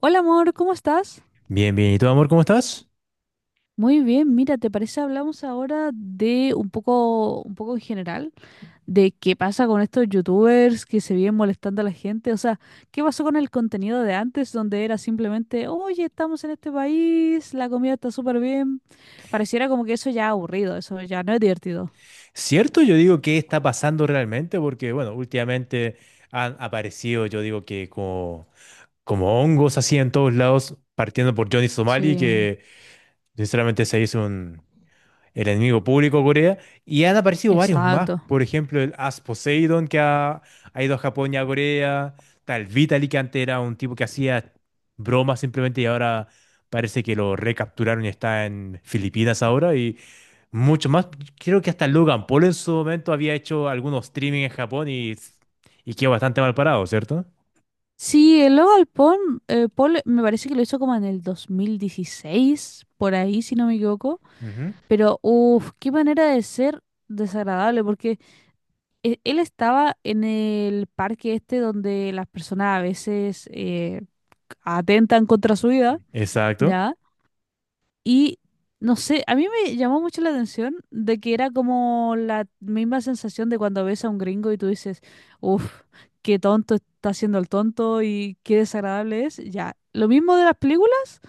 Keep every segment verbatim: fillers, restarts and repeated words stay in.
Hola amor, ¿cómo estás? Bien, bien. ¿Y tú, amor, cómo estás? Muy bien, mira, ¿te parece hablamos ahora de un poco, un poco en general, de qué pasa con estos youtubers que se vienen molestando a la gente? O sea, ¿qué pasó con el contenido de antes donde era simplemente, oye, estamos en este país, la comida está súper bien? Pareciera como que eso ya es aburrido, eso ya no es divertido. Cierto, yo digo qué está pasando realmente, porque bueno, últimamente han aparecido, yo digo que como, como hongos así en todos lados, partiendo por Johnny Somali, Sí, que sinceramente se hizo un, el enemigo público de Corea, y han aparecido varios más, exacto. por ejemplo el As Poseidon que ha, ha ido a Japón y a Corea, tal Vitaly que antes era un tipo que hacía bromas simplemente y ahora parece que lo recapturaron y está en Filipinas ahora y mucho más, creo que hasta Logan Paul en su momento había hecho algunos streaming en Japón y, y quedó bastante mal parado, ¿cierto? Sí, el Logan Paul, eh, Paul me parece que lo hizo como en el dos mil dieciséis, por ahí, si no me equivoco. Ujú. Pero, uff, qué manera de ser desagradable, porque e- él estaba en el parque este donde las personas a veces eh, atentan contra su vida, Exacto. ¿ya? Y no sé, a mí me llamó mucho la atención de que era como la misma sensación de cuando ves a un gringo y tú dices, uff, qué tonto está haciendo el tonto y qué desagradable es, ya. Lo mismo de las películas,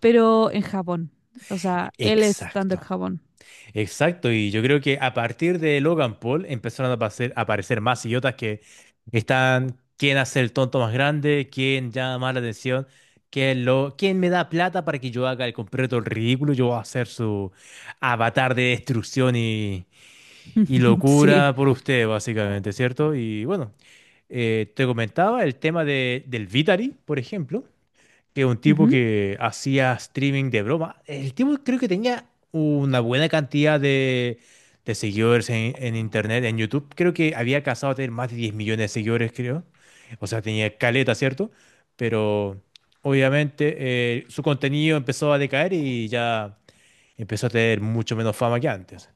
pero en Japón. O sea, él estando en Exacto. Japón. Exacto, y yo creo que a partir de Logan Paul empezaron a aparecer, a aparecer más idiotas que están, quién hace el tonto más grande, quién llama más la atención, quién, lo, quién me da plata para que yo haga el completo el ridículo, yo voy a hacer su avatar de destrucción y, y Sí. locura por usted, básicamente, ¿cierto? Y bueno, eh, te comentaba el tema de, del Vitari, por ejemplo que un tipo que hacía streaming de broma. El tipo creo que tenía una buena cantidad de, de seguidores en, en internet, en YouTube. Creo que había casado a tener más de diez millones de seguidores, creo. O sea, tenía caleta, ¿cierto? Pero obviamente eh, su contenido empezó a decaer y ya empezó a tener mucho menos fama que antes.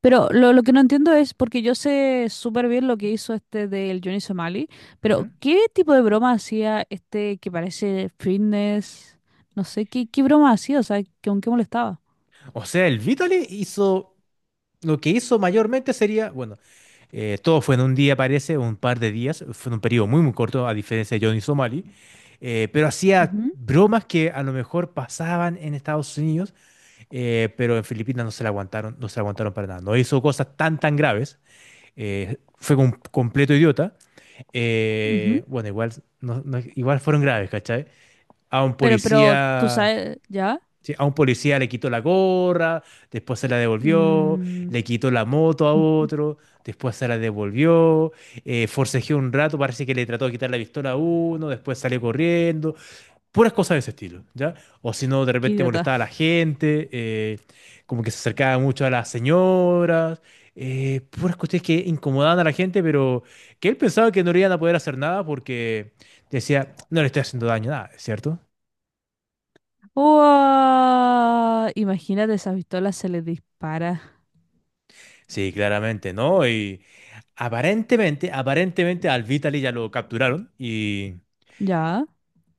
Pero lo, lo que no entiendo es, porque yo sé súper bien lo que hizo este del Johnny Somali, pero Ujú. ¿qué tipo de broma hacía este que parece fitness? No sé, ¿qué, qué broma hacía? O sea, ¿con qué molestaba? O sea, el Vitaly hizo Lo que hizo mayormente sería, bueno, eh, todo fue en un día, parece, un par de días, fue en un periodo muy, muy corto, a diferencia de Johnny Somali, eh, pero hacía Ujú, bromas que a lo mejor pasaban en Estados Unidos, eh, pero en Filipinas no se la aguantaron, no se la aguantaron para nada. No hizo cosas tan, tan graves, eh, fue un completo idiota. eh, ujú. bueno, igual, no- no- igual fueron graves, ¿cachai? A un Pero, pero, tú policía sabes, ¿ya? Sí, a un policía le quitó la gorra, después se la devolvió, Mm, le quitó la moto a otro, después se la devolvió, eh, forcejeó un rato, parece que le trató de quitar la pistola a uno, después salió corriendo, puras cosas de ese estilo, ¿ya? O si no, de qué repente idiota. molestaba a la gente, eh, como que se acercaba mucho a las señoras, eh, puras cuestiones que incomodaban a la gente, pero que él pensaba que no le iban a poder hacer nada porque decía, no le estoy haciendo daño, nada, ¿cierto? Uah, imagínate, esa pistola se le dispara. Sí, claramente, ¿no? Y aparentemente, aparentemente al Vitaly ya lo capturaron y, ¿Ya?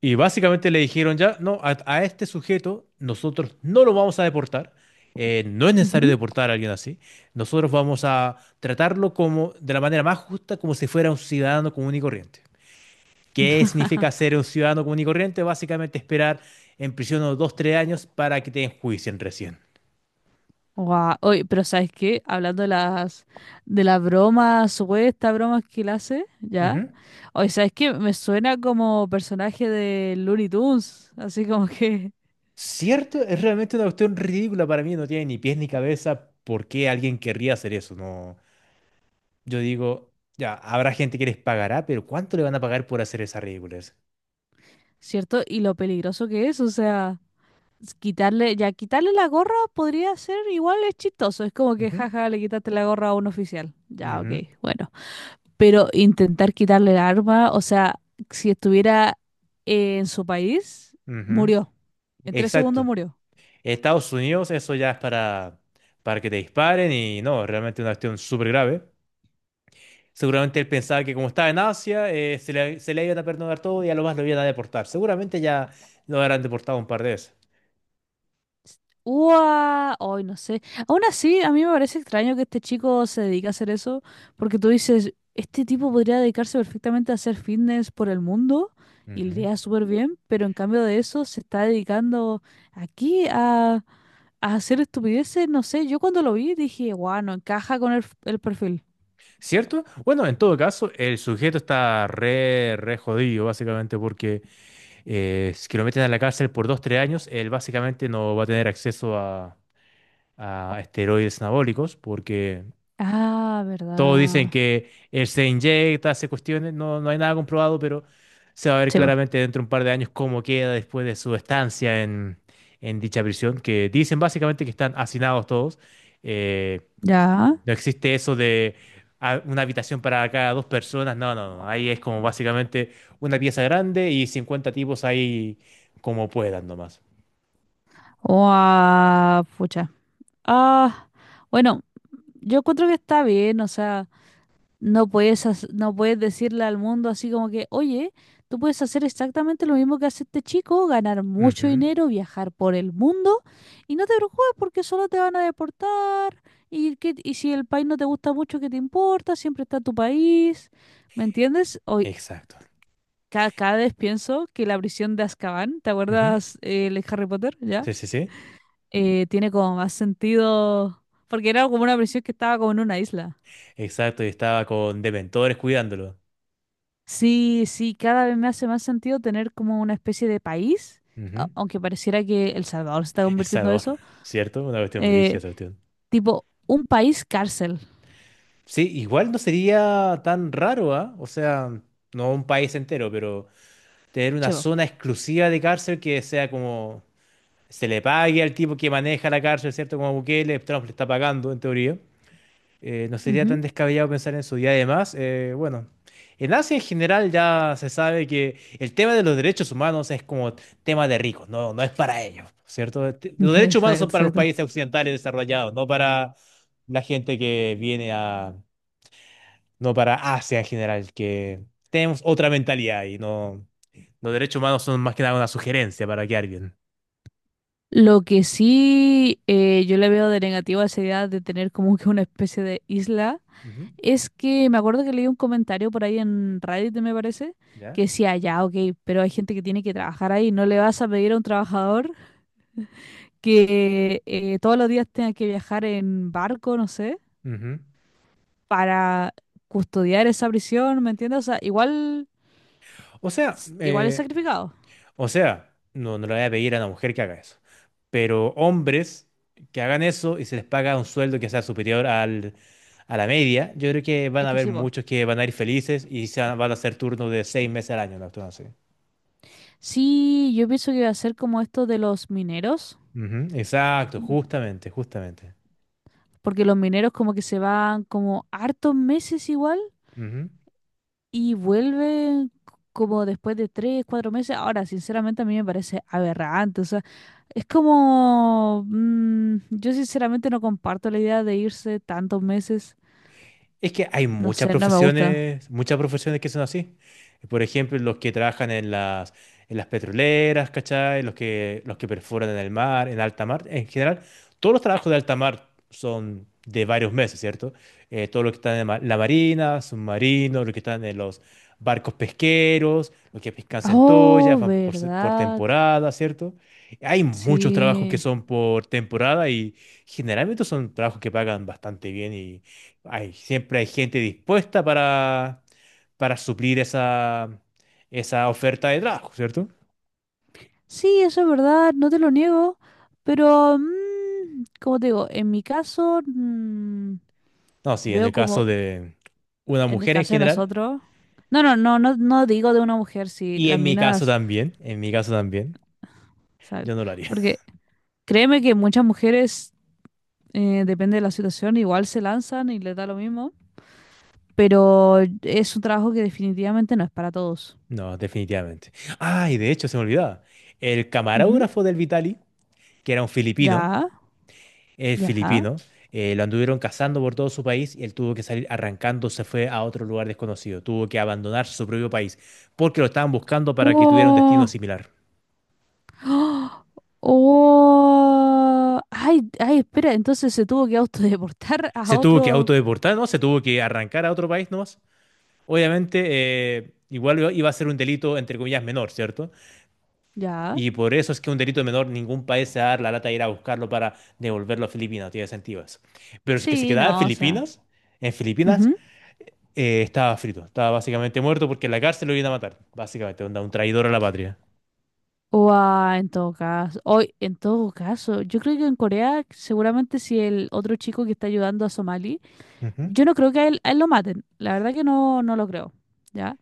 y básicamente le dijeron ya, no, a, a este sujeto nosotros no lo vamos a deportar, eh, no es necesario Ujú. deportar a alguien así, nosotros vamos a tratarlo como de la manera más justa, como si fuera un ciudadano común y corriente. ¿Qué significa ser un ciudadano común y corriente? Básicamente esperar en prisión unos dos, tres años para que te enjuicien recién. Guau, oye, pero ¿sabes qué? Hablando de las de las bromas, supuestas bromas que él hace, ¿ya? Ujú. Oye, ¿sabes qué? Me suena como personaje de Looney Tunes, así como que, ¿Cierto? Es realmente una cuestión ridícula para mí, no tiene ni pies ni cabeza. ¿Por qué alguien querría hacer eso? No, yo digo, ya, habrá gente que les pagará, pero ¿cuánto le van a pagar por hacer esa ridiculez? ¿cierto? Y lo peligroso que es, o sea, s- quitarle, ya quitarle la gorra podría ser, igual es chistoso, es como que Ujú, jaja, le quitaste la gorra a un oficial. Ya, ok, ujú, bueno. Pero intentar quitarle el arma, o sea, si estuviera en su país, ujú. murió. En tres segundos Exacto. murió. Estados Unidos, eso ya es para, para, que te disparen y no, realmente una cuestión súper grave. Seguramente él pensaba que como estaba en Asia, eh, se le, se le iban a perdonar todo y a lo más lo iban a deportar. Seguramente ya lo habrán deportado un par de Ua, hoy no sé. Aún así, a mí me parece extraño que este chico se dedique a hacer eso, porque tú dices, este tipo podría dedicarse perfectamente a hacer fitness por el mundo y le veces. iría súper bien, pero en cambio de eso se está dedicando aquí a, a hacer estupideces. No sé, yo cuando lo vi dije, guau, no encaja con el, f- el perfil. ¿Cierto? Bueno, en todo caso, el sujeto está re, re jodido, básicamente, porque eh, si lo meten a la cárcel por dos, tres años, él básicamente no va a tener acceso a, a esteroides anabólicos, porque Ah, todos dicen verdad. que él se inyecta, hace cuestiones, no, no hay nada comprobado, pero se va a ver Sí, bo. claramente dentro de un par de años cómo queda después de su estancia en, en dicha prisión, que dicen básicamente que están hacinados todos. Eh, Ya. no existe eso de ah, una habitación para cada dos personas. No, no, no. Ahí es como básicamente una pieza grande y cincuenta tipos ahí como puedan nomás. Guau, pucha. Ah, bueno, yo encuentro que está bien, o sea. No puedes, hac- no puedes decirle al mundo así como que, oye, tú puedes hacer exactamente lo mismo que hace este chico, ganar mucho Ujú, dinero, viajar por el mundo y no te preocupes porque solo te van a deportar y, que, y si el país no te gusta mucho, ¿qué te importa? Siempre está tu país. ¿Me entiendes? Hoy, Exacto. ca- cada vez pienso que la prisión de Azkaban, ¿te Ujú, acuerdas eh, el Harry Potter? ¿Ya? Sí, sí, sí. Eh, tiene como más sentido porque era como una prisión que estaba como en una isla. Exacto. Y estaba con dementores cuidándolo. Sí, sí, cada vez me hace más sentido tener como una especie de país, a- Ujú. aunque pareciera que El Salvador se está El convirtiendo en Sador, eso, ¿cierto? Una cuestión brígida, eh, esa cuestión. tipo un país cárcel, Sí, igual no sería tan raro, ¿ah? O sea, no un país entero, pero tener una chevo. zona exclusiva de cárcel que sea como se le pague al tipo que maneja la cárcel, ¿cierto? Como Bukele, Trump le está pagando, en teoría. Eh, no sería Ujú. tan descabellado pensar en eso. Y además, eh, bueno, en Asia en general ya se sabe que el tema de los derechos humanos es como tema de ricos, no, no es para ellos, ¿cierto? Este- Los derechos humanos Exacto, son para los exacto. países occidentales desarrollados, no para la gente que viene a, no para Asia en general, que tenemos otra mentalidad y no, los derechos humanos son más que nada una sugerencia para quedar bien. Lo que sí eh, yo le veo de negativo a esa idea de tener como que una especie de isla Ujú, es que me acuerdo que leí un comentario por ahí en Reddit, me parece, que ¿Ya? decía, ya, ok, pero hay gente que tiene que trabajar ahí, no le vas a pedir a un trabajador que eh, todos los días tenga que viajar en barco, no sé, para custodiar esa prisión, ¿me entiendes? O sea, igual, O sea, s- igual es eh, sacrificado. o sea, no, no le voy a pedir a una mujer que haga eso. Pero hombres que hagan eso y se les paga un sueldo que sea superior al, a la media, yo creo que van Es a que haber sí, vos. muchos que van a ir felices y se van van a hacer turnos de seis meses al año, una cuestión así. Sí, yo pienso que va a ser como esto de los mineros, Ujú, exacto, justamente, justamente. porque los mineros como que se van como hartos meses igual y vuelven c- como después de tres, cuatro meses. Ahora, sinceramente a mí me parece aberrante, o sea, es como mm, yo sinceramente no comparto la idea de irse tantos meses. Es que hay No muchas sé, no me gusta. profesiones, muchas profesiones que son así. Por ejemplo, los que trabajan en las, en las petroleras, ¿cachai? Los que, los que perforan en el mar, en alta mar. En general, todos los trabajos de alta mar son de varios meses, ¿cierto? Eh, todos los que están en ma- la marina, submarinos, los que están en los barcos pesqueros, los que pescan centollas, Oh, van por, se- por verdad. temporada, ¿cierto? Hay muchos trabajos que Sí. son por temporada y generalmente son trabajos que pagan bastante bien hay, siempre hay gente dispuesta para, para, suplir esa, esa oferta de trabajo, ¿cierto? Sí, eso es verdad, no te lo niego. Pero, mm, como te digo, en mi caso, mm, No, sí, en el veo caso como, de una en el mujer en caso de general, nosotros. No, no, no, no, no digo de una mujer, sí, y las en mi caso minas. también, en mi caso también, yo Exacto. no lo haría. Porque créeme que muchas mujeres, eh, depende de la situación, igual se lanzan y les da lo mismo. Pero es un trabajo que definitivamente no es para todos. No, definitivamente. Ay, de hecho, se me olvidaba. El Ujú. camarógrafo del Vitali, que era un filipino, Ya, el ya. filipino, eh, lo anduvieron cazando por todo su país y él tuvo que salir arrancando, se fue a otro lugar desconocido, tuvo que abandonar su propio país porque lo estaban buscando para que tuviera un destino Wow. similar. ¡Ah! ¡Oh! Ay, ay, espera, entonces se tuvo que autodeportar a Se tuvo que otro. autodeportar, ¿no? Se tuvo que arrancar a otro país nomás. Obviamente, eh, igual iba iba a ser un delito, entre comillas, menor, ¿cierto? Ya. Y por eso es que un delito menor, ningún país se va a dar la lata de ir a buscarlo para devolverlo a Filipinas, no tiene sentido eso. Pero es que se Sí, quedaba en no, o sea. Filipinas, en Filipinas, Ujú. eh, estaba frito, estaba básicamente muerto porque en la cárcel lo iban a matar, básicamente, onda, un traidor a la patria. O a, en todo caso. Hoy, en todo caso, yo creo que en Corea, seguramente si el otro chico que está ayudando a Somali, Ujú. yo no creo que a él, a él lo maten. La verdad que no, no lo creo. ¿Ya?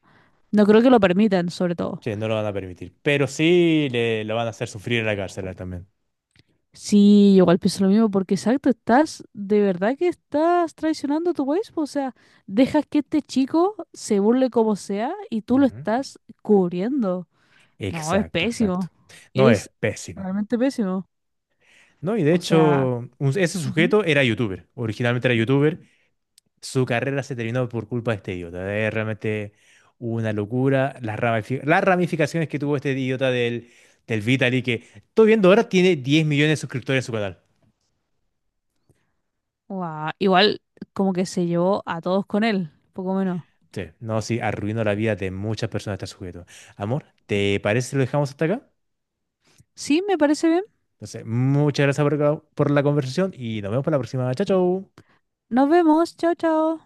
No creo que lo permitan, sobre todo. Sí, no lo van a permitir, pero sí le, lo van a hacer sufrir en la cárcel a él también. Sí, yo igual pienso lo mismo, porque exacto, estás, de verdad que estás traicionando a tu país, po, o sea, dejas que este chico se burle como sea y tú lo Ujú. estás cubriendo. No, es Exacto, exacto. pésimo, No es es pésimo. realmente pésimo. No, y de O sea, hecho, un- ese ujú, sujeto era youtuber, originalmente era youtuber, su carrera se terminó por culpa de este idiota, es realmente una locura, las ramifi- las ramificaciones que tuvo este idiota del, del Vitaly, que estoy viendo ahora tiene diez millones de suscriptores en su canal. guau, igual como que se llevó a todos con él, poco menos. Sí, no, sí, arruinó la vida de muchas personas este sujeto. Amor, ¿te parece si lo dejamos hasta acá? Sí, me parece bien. Entonces, muchas gracias por, por, la conversación y nos vemos para la próxima. Chao, chao. Nos vemos, chao, chao.